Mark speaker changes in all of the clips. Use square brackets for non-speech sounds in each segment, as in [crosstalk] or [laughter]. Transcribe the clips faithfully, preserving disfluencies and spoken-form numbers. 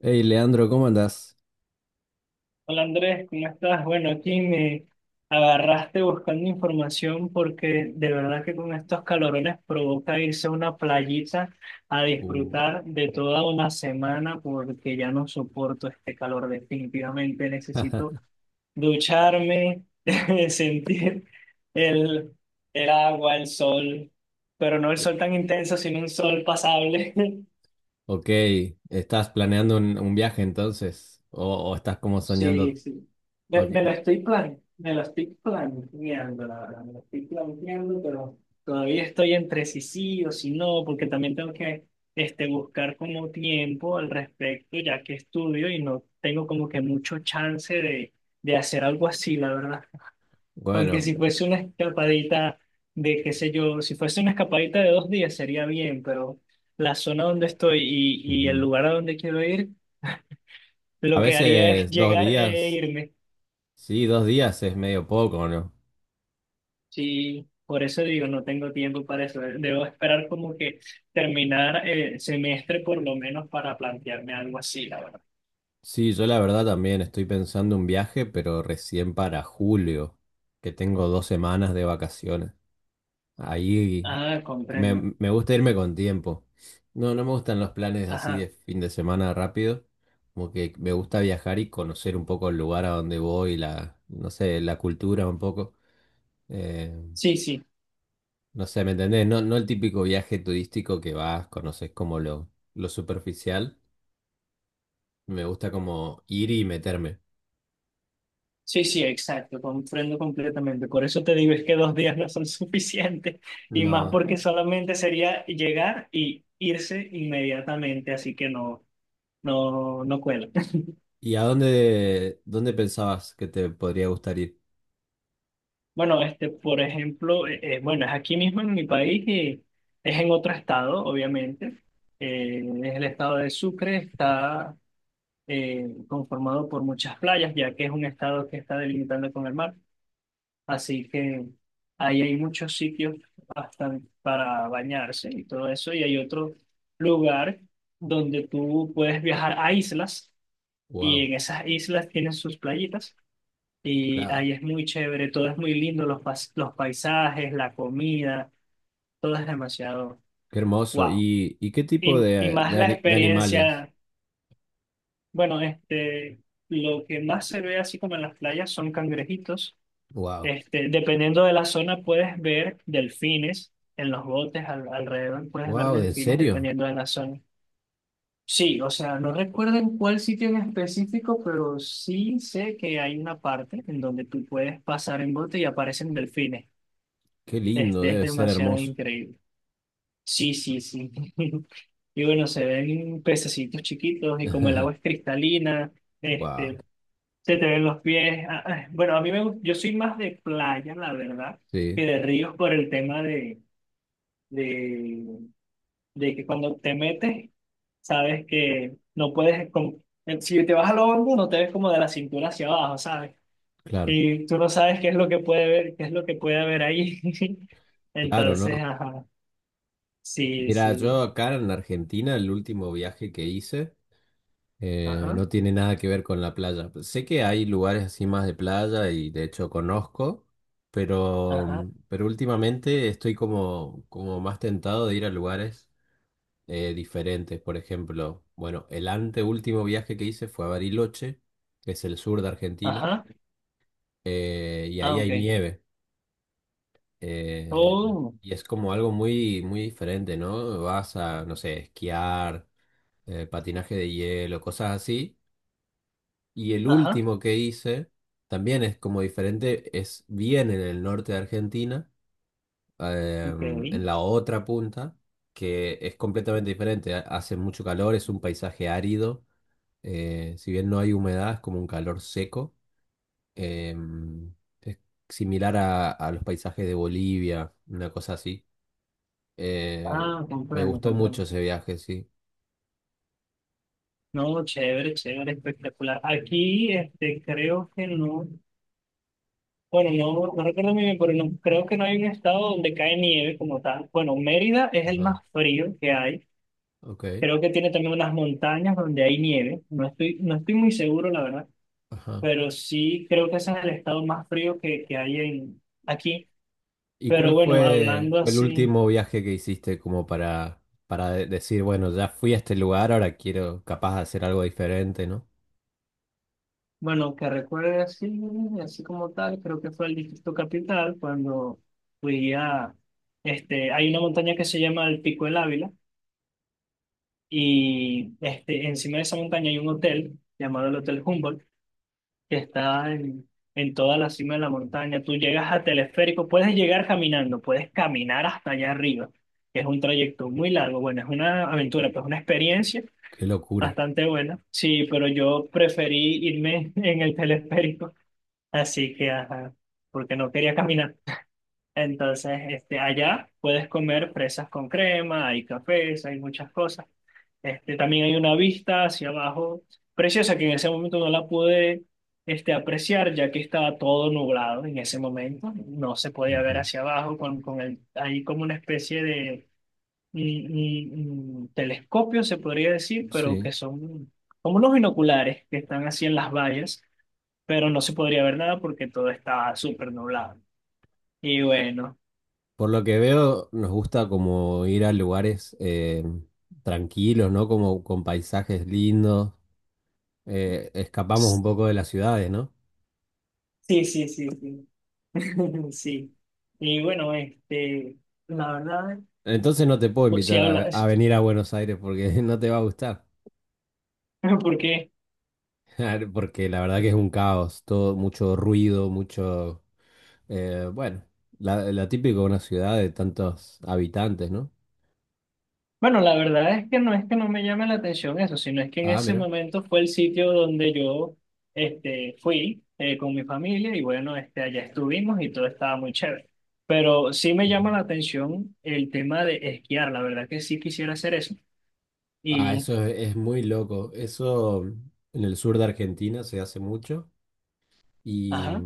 Speaker 1: Hey, Leandro, ¿cómo andás?
Speaker 2: Hola Andrés, ¿cómo estás? Bueno, aquí me agarraste buscando información porque de verdad que con estos calorones provoca irse a una playita a
Speaker 1: Uh,
Speaker 2: disfrutar de toda una semana porque ya no soporto este calor definitivamente. Necesito ducharme, [laughs] sentir el, el agua, el sol, pero no el sol
Speaker 1: [laughs]
Speaker 2: tan intenso, sino un sol pasable. [laughs]
Speaker 1: Ok, ¿estás planeando un, un viaje entonces? ¿O, o estás como
Speaker 2: Sí,
Speaker 1: soñando?
Speaker 2: sí. Me,
Speaker 1: Ok,
Speaker 2: me la estoy plan, me la estoy planteando, la verdad, me la estoy planteando, pero todavía estoy entre si sí o si no, porque también tengo que este, buscar como tiempo al respecto, ya que estudio y no tengo como que mucho chance de, de hacer algo así, la verdad. Aunque si
Speaker 1: bueno,
Speaker 2: fuese una escapadita de, qué sé yo, si fuese una escapadita de dos días sería bien, pero la zona donde estoy y, y el
Speaker 1: ujú.
Speaker 2: lugar a donde quiero ir,
Speaker 1: A
Speaker 2: lo que haría es
Speaker 1: veces dos
Speaker 2: llegar e
Speaker 1: días,
Speaker 2: irme.
Speaker 1: sí, dos días es medio poco, ¿no?
Speaker 2: Sí, por eso digo, no tengo tiempo para eso. Debo esperar como que terminar el semestre por lo menos para plantearme algo así, la verdad.
Speaker 1: Sí, yo la verdad también estoy pensando un viaje, pero recién para julio, que tengo dos semanas de vacaciones. Ahí
Speaker 2: Ah,
Speaker 1: me,
Speaker 2: comprendo.
Speaker 1: me gusta irme con tiempo. No, no me gustan los planes así de
Speaker 2: Ajá.
Speaker 1: fin de semana rápido. Como que me gusta viajar y conocer un poco el lugar a donde voy, la, no sé, la cultura un poco. Eh,
Speaker 2: Sí, sí.
Speaker 1: no sé, ¿me entendés? No, no el típico viaje turístico que vas, conoces como lo, lo superficial. Me gusta como ir y meterme.
Speaker 2: Sí, sí, exacto. Comprendo completamente. Por eso te digo, es que dos días no son [laughs] suficientes. Y más
Speaker 1: No.
Speaker 2: porque solamente sería llegar y irse inmediatamente. Así que no, no, no cuela.
Speaker 1: ¿Y a dónde, dónde pensabas que te podría gustar ir?
Speaker 2: Bueno, este, por ejemplo, eh, eh, bueno, es aquí mismo en mi país y es en otro estado, obviamente. Eh, es el estado de Sucre, está eh, conformado por muchas playas, ya que es un estado que está delimitando con el mar. Así que ahí hay muchos sitios bastante para bañarse y todo eso. Y hay otro lugar donde tú puedes viajar a islas y
Speaker 1: Wow,
Speaker 2: en esas islas tienen sus playitas y
Speaker 1: claro.
Speaker 2: ahí es muy chévere, todo es muy lindo, los, pas- los paisajes, la comida, todo es demasiado
Speaker 1: Qué hermoso.
Speaker 2: wow.
Speaker 1: ¿Y, y qué
Speaker 2: Y,
Speaker 1: tipo
Speaker 2: y
Speaker 1: de,
Speaker 2: más
Speaker 1: de,
Speaker 2: la
Speaker 1: ani- de animales?
Speaker 2: experiencia, bueno, este, lo que más se ve así como en las playas son cangrejitos.
Speaker 1: Wow.
Speaker 2: Este, dependiendo de la zona puedes ver delfines en los botes al- alrededor, puedes ver
Speaker 1: Wow, ¿en
Speaker 2: delfines
Speaker 1: serio?
Speaker 2: dependiendo de la zona. Sí, o sea, no recuerdo en cuál sitio en específico, pero sí sé que hay una parte en donde tú puedes pasar en bote y aparecen delfines.
Speaker 1: Qué lindo,
Speaker 2: Este es
Speaker 1: debe ser
Speaker 2: demasiado
Speaker 1: hermoso.
Speaker 2: increíble. Sí, sí, sí. [laughs] Y bueno, se ven pececitos chiquitos y como el agua es
Speaker 1: [laughs]
Speaker 2: cristalina, este,
Speaker 1: Wow.
Speaker 2: se te ven los pies. Ah, ah, bueno, a mí me gusta, yo soy más de playa, la verdad,
Speaker 1: Sí,
Speaker 2: que de ríos por el tema de, de, de que cuando te metes, sabes que no puedes, como- eh, si te vas a lo hondo, no te ves como de la cintura hacia abajo, ¿sabes?
Speaker 1: claro.
Speaker 2: Y tú no sabes qué es lo que puede ver, qué es lo que puede haber ahí. [laughs]
Speaker 1: Claro,
Speaker 2: Entonces,
Speaker 1: ¿no?
Speaker 2: ajá. Sí,
Speaker 1: Mira,
Speaker 2: sí.
Speaker 1: yo acá en Argentina, el último viaje que hice eh,
Speaker 2: Ajá,
Speaker 1: no tiene nada que ver con la playa. Sé que hay lugares así más de playa y de hecho conozco, pero,
Speaker 2: ajá,
Speaker 1: pero últimamente estoy como, como más tentado de ir a lugares eh, diferentes. Por ejemplo, bueno, el anteúltimo viaje que hice fue a Bariloche, que es el sur de Argentina,
Speaker 2: ajá.
Speaker 1: eh, y
Speaker 2: Ah,
Speaker 1: ahí hay
Speaker 2: ok.
Speaker 1: nieve. eh,
Speaker 2: Oh,
Speaker 1: y es como algo muy, muy diferente, ¿no? Vas a, no sé, esquiar, eh, patinaje de hielo, cosas así. Y el
Speaker 2: ajá,
Speaker 1: último que hice también es como diferente, es bien en el norte de Argentina, eh,
Speaker 2: ok.
Speaker 1: en la otra punta. Que es completamente diferente, hace mucho calor, es un paisaje árido. Eh, si bien no hay humedad, es como un calor seco. Em, es similar a, a los paisajes de Bolivia, una cosa así. Eh,
Speaker 2: Ah,
Speaker 1: Me
Speaker 2: comprendo,
Speaker 1: gustó mucho
Speaker 2: comprendo.
Speaker 1: ese viaje, sí.
Speaker 2: No, chévere, chévere, espectacular. Aquí, este, creo que no, bueno, no, no recuerdo muy bien, pero no, creo que no hay un estado donde cae nieve como tal. Bueno, Mérida es el
Speaker 1: Ajá,
Speaker 2: más frío que hay.
Speaker 1: ok.
Speaker 2: Creo que tiene también unas montañas donde hay nieve. No estoy, no estoy muy seguro, la verdad,
Speaker 1: Ajá.
Speaker 2: pero sí creo que ese es el estado más frío que, que hay en, aquí.
Speaker 1: ¿Y
Speaker 2: Pero
Speaker 1: cuál
Speaker 2: bueno,
Speaker 1: fue,
Speaker 2: hablando
Speaker 1: fue el
Speaker 2: así.
Speaker 1: último viaje que hiciste como para, para de- decir, bueno, ya fui a este lugar, ahora quiero capaz de hacer algo diferente, ¿no?
Speaker 2: Bueno, que recuerde así, así como tal, creo que fue el Distrito Capital cuando fui a, este, hay una montaña que se llama el Pico del Ávila y este, encima de esa montaña hay un hotel llamado el Hotel Humboldt que está en, en toda la cima de la montaña. Tú llegas a teleférico, puedes llegar caminando, puedes caminar hasta allá arriba, que es un trayecto muy largo. Bueno, es una aventura, pues una experiencia
Speaker 1: Qué locura.
Speaker 2: bastante buena. Sí, pero yo preferí irme [laughs] en el teleférico. Así que, ajá, porque no quería caminar. Entonces, este, allá puedes comer fresas con crema, hay cafés, hay muchas cosas. Este, también hay una vista hacia abajo preciosa que en ese momento no la pude, este, apreciar ya que estaba todo nublado en ese momento. No se podía ver
Speaker 1: Ujú.
Speaker 2: hacia abajo con, con el, hay como una especie de mm, mm, mm, telescopio, se podría decir, pero que
Speaker 1: Sí.
Speaker 2: son como unos binoculares que están así en las vallas pero no se podría ver nada porque todo estaba súper nublado. Y bueno,
Speaker 1: Por lo que veo, nos gusta como ir a lugares eh, tranquilos, ¿no? Como con paisajes lindos. Eh, escapamos un
Speaker 2: sí,
Speaker 1: poco de las ciudades, ¿no?
Speaker 2: sí, sí, sí. [laughs] Sí. Y bueno, este, la verdad,
Speaker 1: Entonces no te puedo
Speaker 2: pues si
Speaker 1: invitar a, a
Speaker 2: hablas,
Speaker 1: venir a Buenos Aires porque [laughs] no te va a gustar.
Speaker 2: [laughs] porque,
Speaker 1: [laughs] Porque la verdad que es un caos, todo mucho ruido, mucho… eh, bueno, la, la típico de una ciudad de tantos habitantes, ¿no?
Speaker 2: bueno, la verdad es que no es que no me llame la atención eso, sino es que en
Speaker 1: Ah,
Speaker 2: ese
Speaker 1: mira.
Speaker 2: momento fue el sitio donde yo, este, fui eh, con mi familia y bueno, este, allá estuvimos y todo estaba muy chévere. Pero sí me
Speaker 1: Ujú.
Speaker 2: llama la atención el tema de esquiar, la verdad que sí quisiera hacer eso.
Speaker 1: Ah,
Speaker 2: Y,
Speaker 1: eso es, es muy loco. Eso en el sur de Argentina se hace mucho. y
Speaker 2: ajá,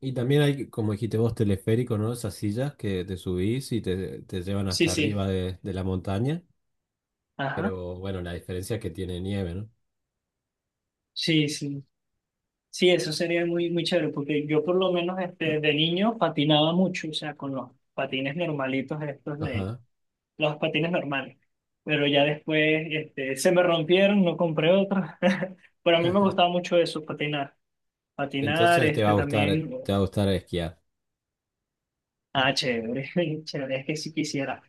Speaker 1: Y también hay, como dijiste vos, teleférico, ¿no? Esas sillas que te subís y te, te llevan
Speaker 2: sí,
Speaker 1: hasta
Speaker 2: sí.
Speaker 1: arriba de, de la montaña.
Speaker 2: Ajá.
Speaker 1: Pero bueno, la diferencia es que tiene nieve, ¿no?
Speaker 2: Sí, sí. Sí, eso sería muy, muy chévere, porque yo por lo menos este, de niño patinaba mucho, o sea, con los patines normalitos estos de
Speaker 1: Ajá.
Speaker 2: los patines normales. Pero ya después este, se me rompieron, no compré otros. [laughs] Pero a mí me gustaba mucho eso, patinar. Patinar,
Speaker 1: Entonces te va
Speaker 2: este
Speaker 1: a gustar,
Speaker 2: también.
Speaker 1: te va a gustar esquiar.
Speaker 2: Ah, chévere, [laughs] chévere, es que si quisiera,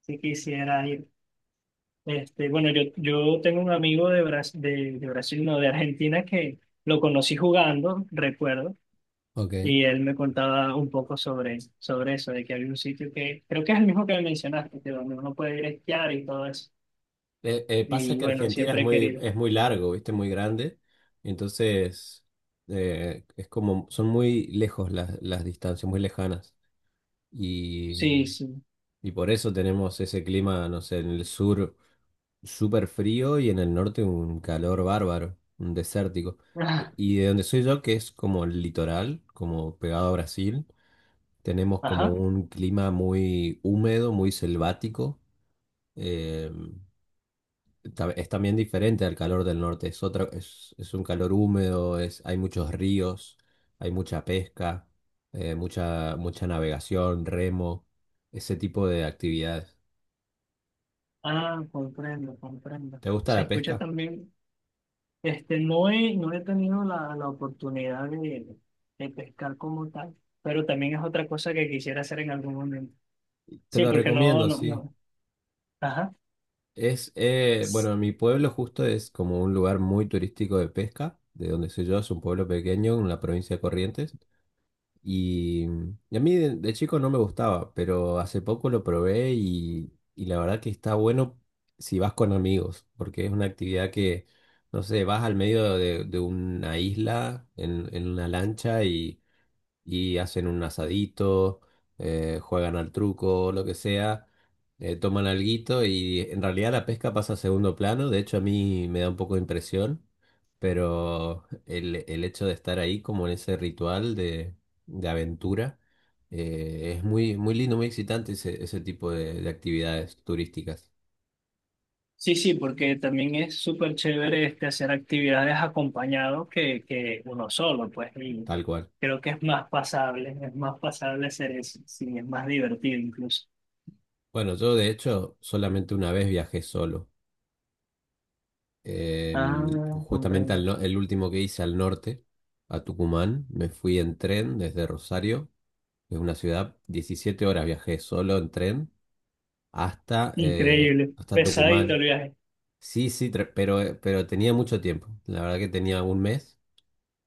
Speaker 2: si quisiera ir. Este, bueno, yo, yo tengo un amigo de Bras de, de Brasil, no, de Argentina que lo conocí jugando, recuerdo.
Speaker 1: Ok. Eh,
Speaker 2: Y él me contaba un poco sobre, sobre eso, de que había un sitio que creo que es el mismo que me mencionaste, que donde uno puede ir a esquiar y todo eso.
Speaker 1: eh, pasa
Speaker 2: Y
Speaker 1: que
Speaker 2: bueno,
Speaker 1: Argentina es
Speaker 2: siempre he
Speaker 1: muy,
Speaker 2: querido.
Speaker 1: es muy largo, ¿viste? Muy grande. Entonces, eh, es como, son muy lejos las, las distancias, muy lejanas. Y,
Speaker 2: Sí, sí.
Speaker 1: y por eso tenemos ese clima, no sé, en el sur. Súper frío y en el norte un calor bárbaro, un desértico.
Speaker 2: Ah,
Speaker 1: De- Y de donde soy yo, que es como el litoral, como pegado a Brasil, tenemos como
Speaker 2: ajá.
Speaker 1: un clima muy húmedo, muy selvático. eh, ta- es también diferente al calor del norte, es otra, es, es un calor húmedo, es, hay muchos ríos, hay mucha pesca, eh, mucha, mucha navegación, remo, ese tipo de actividades.
Speaker 2: Ah, comprendo, comprendo.
Speaker 1: ¿Te gusta
Speaker 2: Se
Speaker 1: la
Speaker 2: escucha
Speaker 1: pesca?
Speaker 2: también, este, no he, no he tenido la, la oportunidad de, de pescar como tal, pero también es otra cosa que quisiera hacer en algún momento.
Speaker 1: Te
Speaker 2: Sí,
Speaker 1: lo
Speaker 2: porque no,
Speaker 1: recomiendo,
Speaker 2: no,
Speaker 1: sí.
Speaker 2: no. Ajá.
Speaker 1: Es, eh, bueno, mi pueblo justo es como un lugar muy turístico de pesca, de donde soy yo, es un pueblo pequeño en la provincia de Corrientes. Y, y a mí de, de chico no me gustaba, pero hace poco lo probé y, y la verdad que está bueno si vas con amigos, porque es una actividad que, no sé, vas al medio de, de una isla en, en una lancha y hacen un asadito, eh, juegan al truco, lo que sea, eh, toman alguito y en realidad la pesca pasa a segundo plano, de hecho a mí me da un poco de impresión, pero el, el hecho de estar ahí como en ese ritual de, de aventura, eh, es muy, muy lindo, muy excitante ese, ese tipo de, de actividades turísticas,
Speaker 2: Sí, sí, porque también es súper chévere este, hacer actividades acompañado que, que uno solo, pues, y
Speaker 1: tal cual.
Speaker 2: creo que es más pasable, es más pasable hacer eso, sí, es más divertido incluso.
Speaker 1: Bueno, yo de hecho solamente una vez viajé solo. Em,
Speaker 2: Ah,
Speaker 1: justamente al
Speaker 2: comprendo.
Speaker 1: no- el último que hice al norte, a Tucumán, me fui en tren desde Rosario, que es una ciudad, diecisiete horas viajé solo en tren hasta, eh,
Speaker 2: Increíble,
Speaker 1: hasta
Speaker 2: pesadito
Speaker 1: Tucumán.
Speaker 2: el viaje.
Speaker 1: Sí, sí, tre- pero, eh, pero tenía mucho tiempo, la verdad que tenía un mes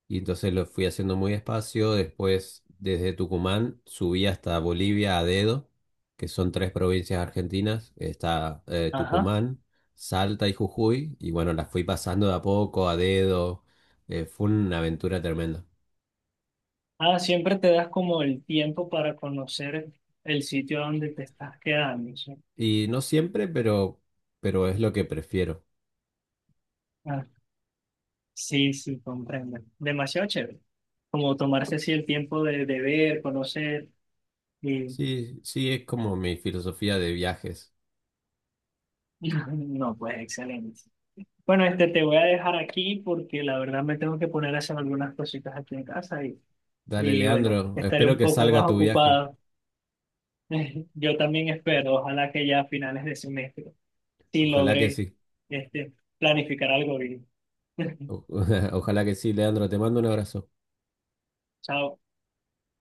Speaker 1: y entonces lo fui haciendo muy despacio. Después, desde Tucumán, subí hasta Bolivia a dedo, que son tres provincias argentinas. Está eh,
Speaker 2: Ajá.
Speaker 1: Tucumán, Salta y Jujuy. Y bueno, las fui pasando de a poco, a dedo. Eh, fue una aventura tremenda.
Speaker 2: Ah, siempre te das como el tiempo para conocer el sitio donde te estás quedando, ¿sí?
Speaker 1: Y no siempre, pero, pero es lo que prefiero.
Speaker 2: Ah, sí, sí, comprendo. Demasiado chévere. Como tomarse así el tiempo de, de ver, conocer.
Speaker 1: Sí, sí, es como mi filosofía de viajes.
Speaker 2: [laughs] No, pues excelente. Bueno, este te voy a dejar aquí porque la verdad me tengo que poner a hacer algunas cositas aquí en casa y,
Speaker 1: Dale,
Speaker 2: y bueno,
Speaker 1: Leandro,
Speaker 2: estaré
Speaker 1: espero
Speaker 2: un
Speaker 1: que
Speaker 2: poco más
Speaker 1: salga tu viaje.
Speaker 2: ocupado. [laughs] Yo también espero, ojalá que ya a finales de semestre sí
Speaker 1: Ojalá que
Speaker 2: logre
Speaker 1: sí.
Speaker 2: este, planificar algo bien. [laughs]
Speaker 1: O- [laughs] ojalá que sí, Leandro. Te mando un abrazo.
Speaker 2: Chao.